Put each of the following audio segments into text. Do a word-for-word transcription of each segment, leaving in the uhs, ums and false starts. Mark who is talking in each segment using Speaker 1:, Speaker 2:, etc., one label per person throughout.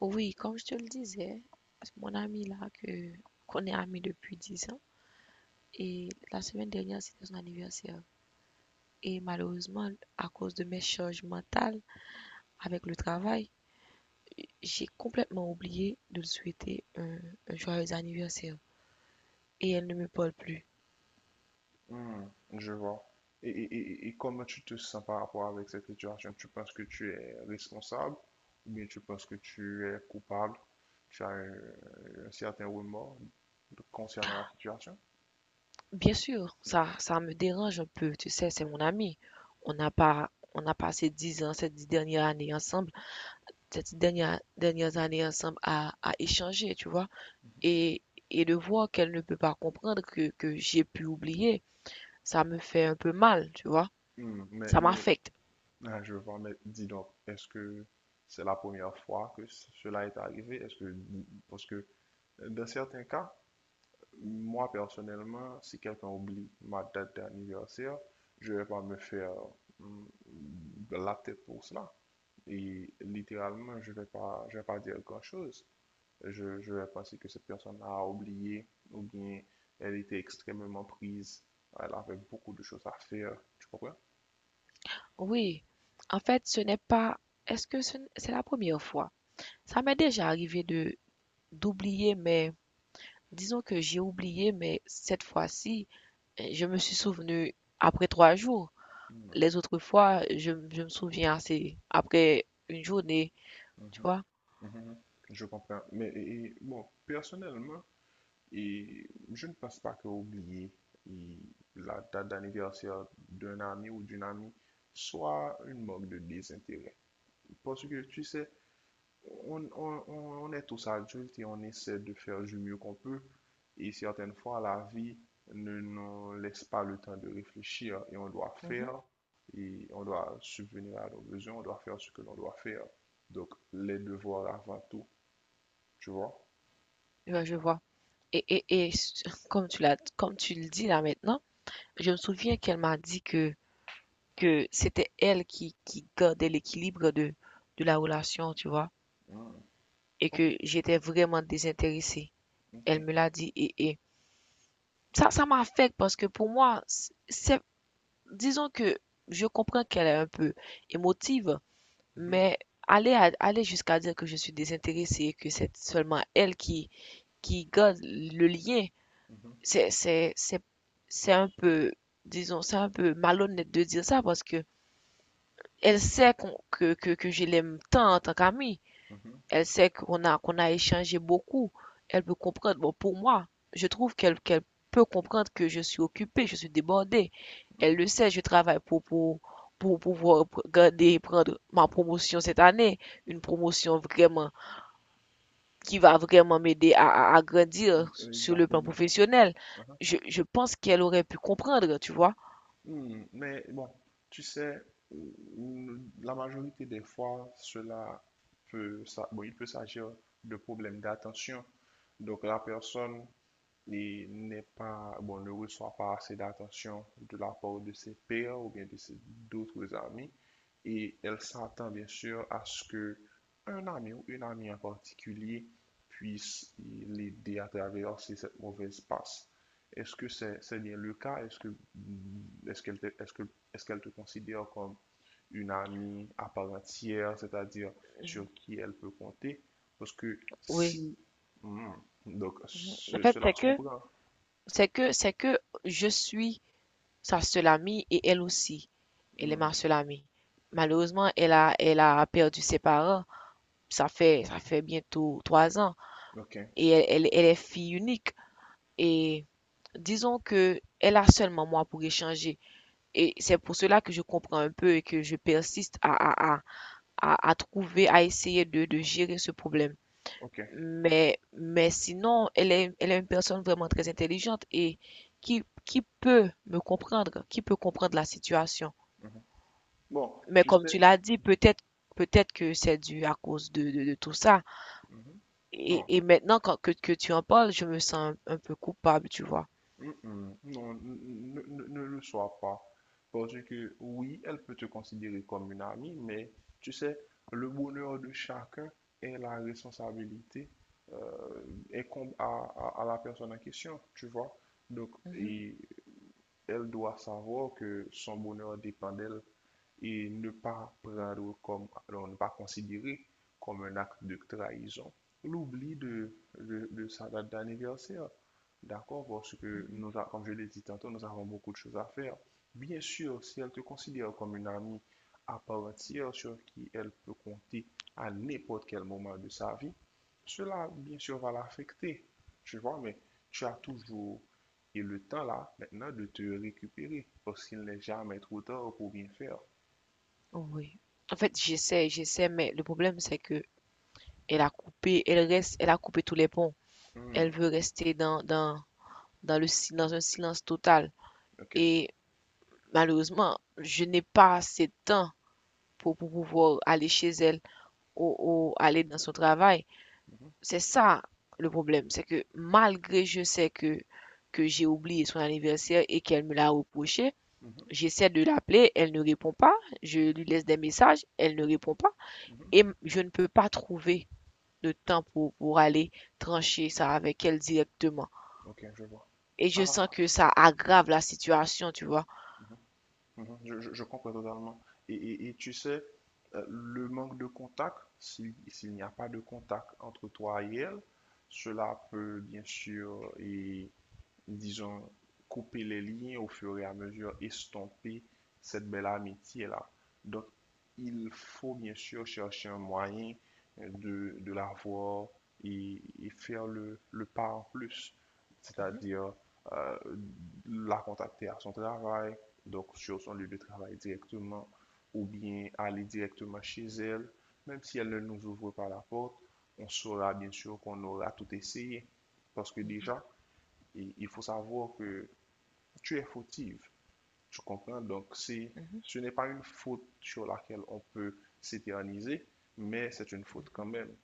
Speaker 1: Oui, comme je te le disais, mon ami là, que, qu'on est amis depuis dix ans, et la semaine dernière, c'était son anniversaire. Et malheureusement, à cause de mes charges mentales avec le travail, j'ai complètement oublié de lui souhaiter un, un joyeux anniversaire. Et elle ne me parle plus.
Speaker 2: Hmm, je vois. Et, et, et- et comment tu te sens par rapport avec cette situation? Tu penses que tu es responsable ou bien tu penses que tu es coupable? Tu as un, un certain remords concernant la situation?
Speaker 1: Bien sûr, ça, ça me dérange un peu, tu sais, c'est mon ami. On n'a pas, on a passé dix ans, ces dix dernières années ensemble, ces dix dernières, dernières années ensemble à, à échanger, tu vois. et et de voir qu'elle ne peut pas comprendre que, que j'ai pu oublier, ça me fait un peu mal, tu vois.
Speaker 2: Hmm, mais,
Speaker 1: Ça
Speaker 2: mais
Speaker 1: m'affecte.
Speaker 2: ah, je vois, mais dis donc, est-ce que c'est la première fois que c- cela est arrivé? Est-ce que, parce que dans certains cas, moi, personnellement, si quelqu'un oublie ma date d'anniversaire, je ne vais pas me faire mm, de la tête pour cela. Et littéralement, je ne vais pas, je vais pas dire grand-chose. Je, je vais penser que cette personne a oublié ou bien elle était extrêmement prise. Elle avait beaucoup de choses à faire. Tu comprends?
Speaker 1: Oui, en fait, ce n'est pas... Est-ce que ce c'est la première fois? Ça m'est déjà arrivé de d'oublier, mais disons que j'ai oublié, mais cette fois-ci, euh, je me suis souvenu après trois jours.
Speaker 2: Mm,
Speaker 1: Les autres fois, je, je me souviens assez après une journée, tu
Speaker 2: mhm,
Speaker 1: vois.
Speaker 2: mhm. Je comprends. Mais et- et, bon, personnellement, et je ne pense pas que oublier la date d'anniversaire d'un ami ou d'une amie soit une marque de désintérêt. Parce que tu sais, on, on- on- est tous adultes et on essaie de faire du mieux qu'on peut. Et certaines fois, la vie ne nous laisse pas le temps de réfléchir et on doit
Speaker 1: Mhm.
Speaker 2: faire et on doit subvenir à nos besoins, on doit faire ce que l'on doit faire. Donc, les devoirs avant tout, tu vois.
Speaker 1: Ouais, je vois. Et, et, et comme tu l'as, comme tu le dis là maintenant, je me souviens qu'elle m'a dit que, que c'était elle qui, qui gardait l'équilibre de, de la relation, tu vois,
Speaker 2: Hmm.
Speaker 1: et
Speaker 2: Ok,
Speaker 1: que j'étais vraiment désintéressée. Elle
Speaker 2: ok.
Speaker 1: me l'a dit et, et ça, ça m'affecte parce que pour moi, c'est, disons que je comprends qu'elle est un peu émotive,
Speaker 2: Mhm,
Speaker 1: mais aller, à- aller jusqu'à dire que je suis désintéressée et que c'est seulement elle qui, qui garde le lien,
Speaker 2: mhm,
Speaker 1: c'est, c'est, c'est, c'est un peu, disons, c'est un peu malhonnête de dire ça parce que Elle sait qu'on- que, que, que je l'aime tant en tant qu'amie.
Speaker 2: mhm,
Speaker 1: Elle sait qu'on a, qu'on a échangé beaucoup. Elle peut comprendre. Bon, pour moi, je trouve qu'elle qu'elle peut comprendre que je suis occupée, je suis débordée.
Speaker 2: mhm.
Speaker 1: Elle le sait, je travaille pour, pour, pour pouvoir pr- garder, prendre ma promotion cette année. Une promotion vraiment qui va vraiment m'aider à, à, à grandir
Speaker 2: Euh,
Speaker 1: sur le plan
Speaker 2: Exactement.
Speaker 1: professionnel.
Speaker 2: Uh-huh.
Speaker 1: Je, je pense qu'elle aurait pu comprendre, tu vois.
Speaker 2: Hmm. Mais bon, tu sais, euh, la majorité des fois, cela peut, ça, bon, il peut s'agir de problèmes d'attention. Donc la personne et n'est pas, bon, ne reçoit pas assez d'attention de la part de ses pairs ou bien de ses- d'autres amis. Et elle s'attend bien sûr à ce que un ami ou une amie en particulier puisse l'aider à traverser cette mauvaise passe. Est-ce que c'est c'est bien le cas? Est-ce que est-ce qu'elle te, est-ce que est-ce qu'elle te considère comme une amie à part entière, c'est-à-dire
Speaker 1: Mhm.
Speaker 2: sur qui elle peut compter? Parce que
Speaker 1: Oui.
Speaker 2: si... Hmm. Donc,
Speaker 1: Mhm. Le
Speaker 2: ce-
Speaker 1: fait,
Speaker 2: cela
Speaker 1: c'est
Speaker 2: se
Speaker 1: que,
Speaker 2: comprend.
Speaker 1: C'est que, c'est que je suis sa seule amie et elle aussi, elle est ma
Speaker 2: Hmm.
Speaker 1: seule amie. Malheureusement, elle a, elle a perdu ses parents. Ça fait, ça fait bientôt trois ans
Speaker 2: OK,
Speaker 1: et elle, elle, elle est fille unique. Et disons que elle a seulement moi pour échanger. Et c'est pour cela que je comprends un peu et que je persiste à, à, à, à, trouver, à essayer de, de gérer ce problème.
Speaker 2: OK.
Speaker 1: Mais, mais sinon, elle est, elle est une personne vraiment très intelligente et qui, qui peut me comprendre, qui peut comprendre la situation.
Speaker 2: Mhm. Bon,
Speaker 1: Mais
Speaker 2: tu
Speaker 1: comme tu
Speaker 2: sais.
Speaker 1: l'as dit, peut-être peut-être que c'est dû à cause de, de, de tout ça.
Speaker 2: Mhm.
Speaker 1: Et,
Speaker 2: Non.
Speaker 1: et maintenant quand, que, que tu en parles, je me sens un, un peu coupable, tu vois.
Speaker 2: Mm-mm. Non, n- n- ne, ne le sois pas. Parce que oui, elle peut te considérer comme une amie, mais tu sais, le bonheur de chacun et la responsabilité euh, incombe à, à- à la personne en question, tu vois. Donc...
Speaker 1: Mhm,
Speaker 2: et Elle doit savoir que son bonheur dépend d'elle et ne pas prendre comme, alors ne pas considérer comme un acte de trahison. L'oubli de, de, de sa date d'anniversaire, d'accord, parce que
Speaker 1: mhm.
Speaker 2: nous, a- comme je l'ai dit tantôt, nous avons beaucoup de choses à faire. Bien sûr, si elle te considère comme une amie à part entière sur qui elle peut compter à n'importe quel moment de sa vie, cela, bien sûr, va l'affecter. Tu vois, mais tu as toujours et le temps là, maintenant, de te récupérer, parce qu'il n'est jamais trop tard pour bien faire.
Speaker 1: Oui. En fait, j'essaie, j'essaie, mais le problème, c'est que elle a coupé, elle reste, elle a coupé tous les ponts.
Speaker 2: Hmm.
Speaker 1: Elle veut rester dans, dans, dans le, si- dans un silence total.
Speaker 2: Ok.
Speaker 1: Et malheureusement, je n'ai pas assez de temps pour, pour pouvoir aller chez elle ou, ou aller dans son travail.
Speaker 2: Mhm,
Speaker 1: C'est ça le problème, c'est que malgré je sais que, que j'ai oublié son anniversaire et qu'elle me l'a reproché,
Speaker 2: mhm,
Speaker 1: j'essaie de l'appeler, elle ne répond pas, je
Speaker 2: mhm,
Speaker 1: lui laisse des messages, elle ne répond pas, et
Speaker 2: mhm.
Speaker 1: je ne peux pas trouver de temps pour, pour aller trancher ça avec elle directement.
Speaker 2: Ok, je vois.
Speaker 1: Et je
Speaker 2: Ah,
Speaker 1: sens que ça aggrave la situation, tu vois.
Speaker 2: mhm, mhm, je, je- je comprends totalement. Et, et- et tu sais, euh, le manque de contact, si- s'il n'y a pas de contact entre toi et elle, cela peut bien sûr, disons, couper les liens au fur et à mesure, estomper cette belle amitié-là. Donc, il faut bien sûr chercher un moyen euh, de, de la voir et, et faire le, le pas en plus,
Speaker 1: Mhm,
Speaker 2: c'est-à-dire euh, la contacter à son travail, donc sur son lieu de travail directement, ou bien aller directement chez elle, même si elle ne nous ouvre pas la porte, on saura bien sûr qu'on aura tout essayé. Parce que
Speaker 1: mhm,
Speaker 2: déjà, et il faut savoir que tu es fautive, tu comprends? Donc, c'est...
Speaker 1: mhm.
Speaker 2: Ce n'est pas une faute sur laquelle on peut s'éterniser, mais c'est une faute quand même.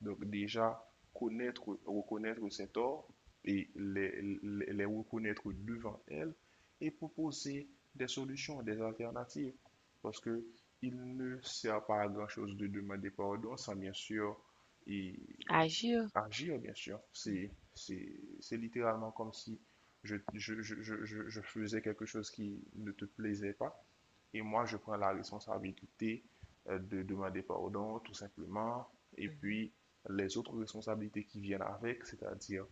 Speaker 2: Donc, déjà, connaître, reconnaître ses torts et les, les, les reconnaître devant elle et proposer des solutions, des alternatives. Parce que il ne sert pas à grand-chose de demander pardon sans bien sûr et
Speaker 1: Agir.
Speaker 2: agir, bien sûr. C'est, c'est, c'est littéralement comme si je, je, je, je, je- faisais quelque chose qui ne te plaisait pas. Et moi, je prends la responsabilité, euh, de demander pardon, tout simplement. Et
Speaker 1: Mhm,
Speaker 2: puis, les autres responsabilités qui viennent avec, c'est-à-dire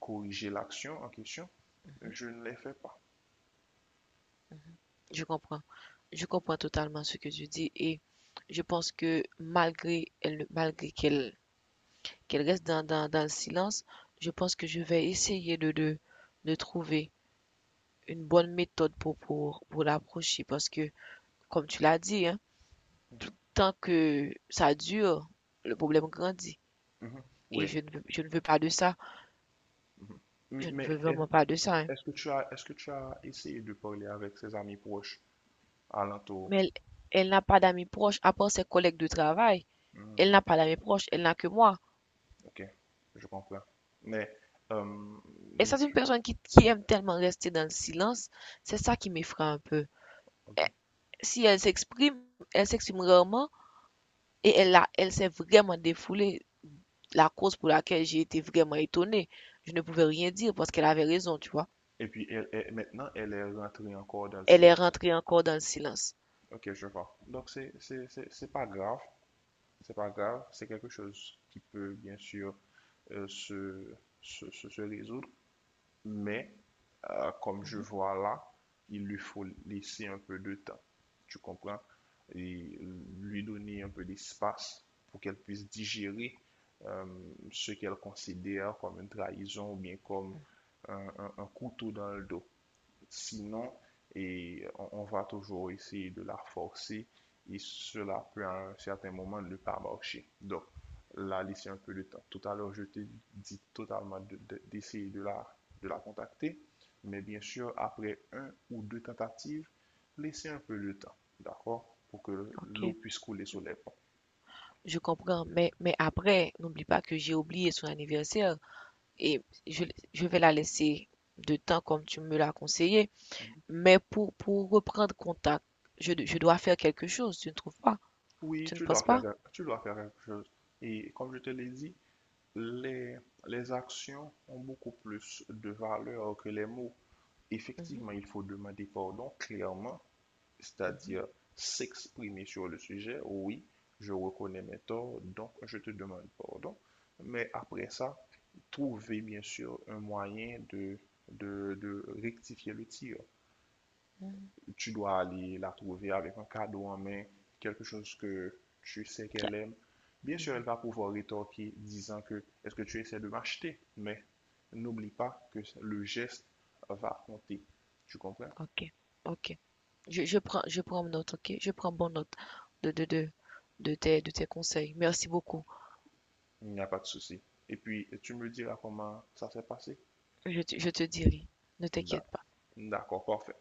Speaker 2: corriger l'action en question, je ne les fais pas.
Speaker 1: mhm. Je comprends. Je comprends totalement ce que tu dis et je pense que malgré elle, malgré qu'elle qu'elle reste dans, dans, dans le silence, je pense que je vais essayer de, de, de trouver une bonne méthode pour, pour, pour l'approcher parce que, comme tu l'as dit, hein,
Speaker 2: Mhm,
Speaker 1: tant que ça dure, le problème grandit.
Speaker 2: mhm.
Speaker 1: Et
Speaker 2: Oui.
Speaker 1: je ne, veux- je ne veux pas de ça.
Speaker 2: Mhm.
Speaker 1: Je ne veux
Speaker 2: Mais est-
Speaker 1: vraiment pas de ça, hein.
Speaker 2: est-ce que tu as, est-ce que tu as essayé de parler avec ses amis proches alentour?
Speaker 1: Mais elle, elle n'a pas d'amis proches, à part ses collègues de travail. Elle
Speaker 2: Hmm.
Speaker 1: n'a pas d'amis proches, elle n'a que moi.
Speaker 2: OK, je comprends. Mais, euh,
Speaker 1: Et c'est une
Speaker 2: tu-
Speaker 1: personne qui, qui aime tellement rester dans le silence. C'est ça qui m'effraie un peu.
Speaker 2: OK.
Speaker 1: Si elle s'exprime, elle s'exprime rarement. Et elle a, elle s'est vraiment défoulée. La cause pour laquelle j'ai été vraiment étonnée, je ne pouvais rien dire parce qu'elle avait raison, tu vois.
Speaker 2: Et puis, elle est, maintenant, elle est rentrée encore dans le
Speaker 1: Elle est
Speaker 2: silence.
Speaker 1: rentrée encore dans le silence.
Speaker 2: OK, je vois. Donc, c'est, c'est, c'est, c'est pas grave. C'est pas grave. C'est quelque chose qui peut, bien sûr, euh, se, se, se, se résoudre. Mais euh, comme je
Speaker 1: Mhm,
Speaker 2: vois là, il lui faut laisser un peu de temps, tu comprends? Et lui donner un peu d'espace pour qu'elle puisse digérer euh, ce qu'elle considère comme une trahison ou bien comme un, un- un couteau dans le dos. Sinon, et on, on va toujours essayer de la forcer et cela peut à un certain moment ne pas marcher. Donc, la laisser un peu de temps. Tout à l'heure, je t'ai dit totalement de- de- d'essayer de, la, de la contacter, mais bien sûr, après un ou deux tentatives, laisser un peu de temps, d'accord? Pour que l'eau
Speaker 1: ok,
Speaker 2: puisse couler sur les ponts.
Speaker 1: je comprends. Mais, mais après, n'oublie pas que j'ai oublié son anniversaire et je, je vais la laisser de temps comme tu me l'as conseillé.
Speaker 2: Mm-hmm.
Speaker 1: Mais pour, pour reprendre contact, je, je dois faire quelque chose, tu ne trouves pas?
Speaker 2: Oui,
Speaker 1: Tu ne
Speaker 2: tu dois
Speaker 1: penses
Speaker 2: faire,
Speaker 1: pas?
Speaker 2: tu dois faire quelque chose. Et comme je te l'ai dit, les, les actions ont beaucoup plus de valeur que les mots.
Speaker 1: Mhm,
Speaker 2: Effectivement, il faut demander pardon clairement,
Speaker 1: mhm,
Speaker 2: c'est-à-dire s'exprimer sur le sujet. Oui, je reconnais mes torts, donc je te demande pardon. Mais après ça, trouver bien sûr un moyen de, de, de rectifier le tir. Tu dois aller la trouver avec un cadeau en main, quelque chose que tu sais qu'elle aime. Bien sûr, elle
Speaker 1: mhm.
Speaker 2: va pouvoir rétorquer disant que est-ce que tu essaies de m'acheter? Mais n'oublie pas que le geste va compter. Tu comprends?
Speaker 1: Ok, ok. Je, je prends, je prends note, ok? Je prends bonne note de, de, de, de tes, de tes conseils. Merci beaucoup.
Speaker 2: Il n'y a pas de souci. Et puis, tu me diras comment ça s'est passé?
Speaker 1: Je, te- je te dirai. Ne
Speaker 2: D'a-
Speaker 1: t'inquiète pas.
Speaker 2: D'accord, parfait.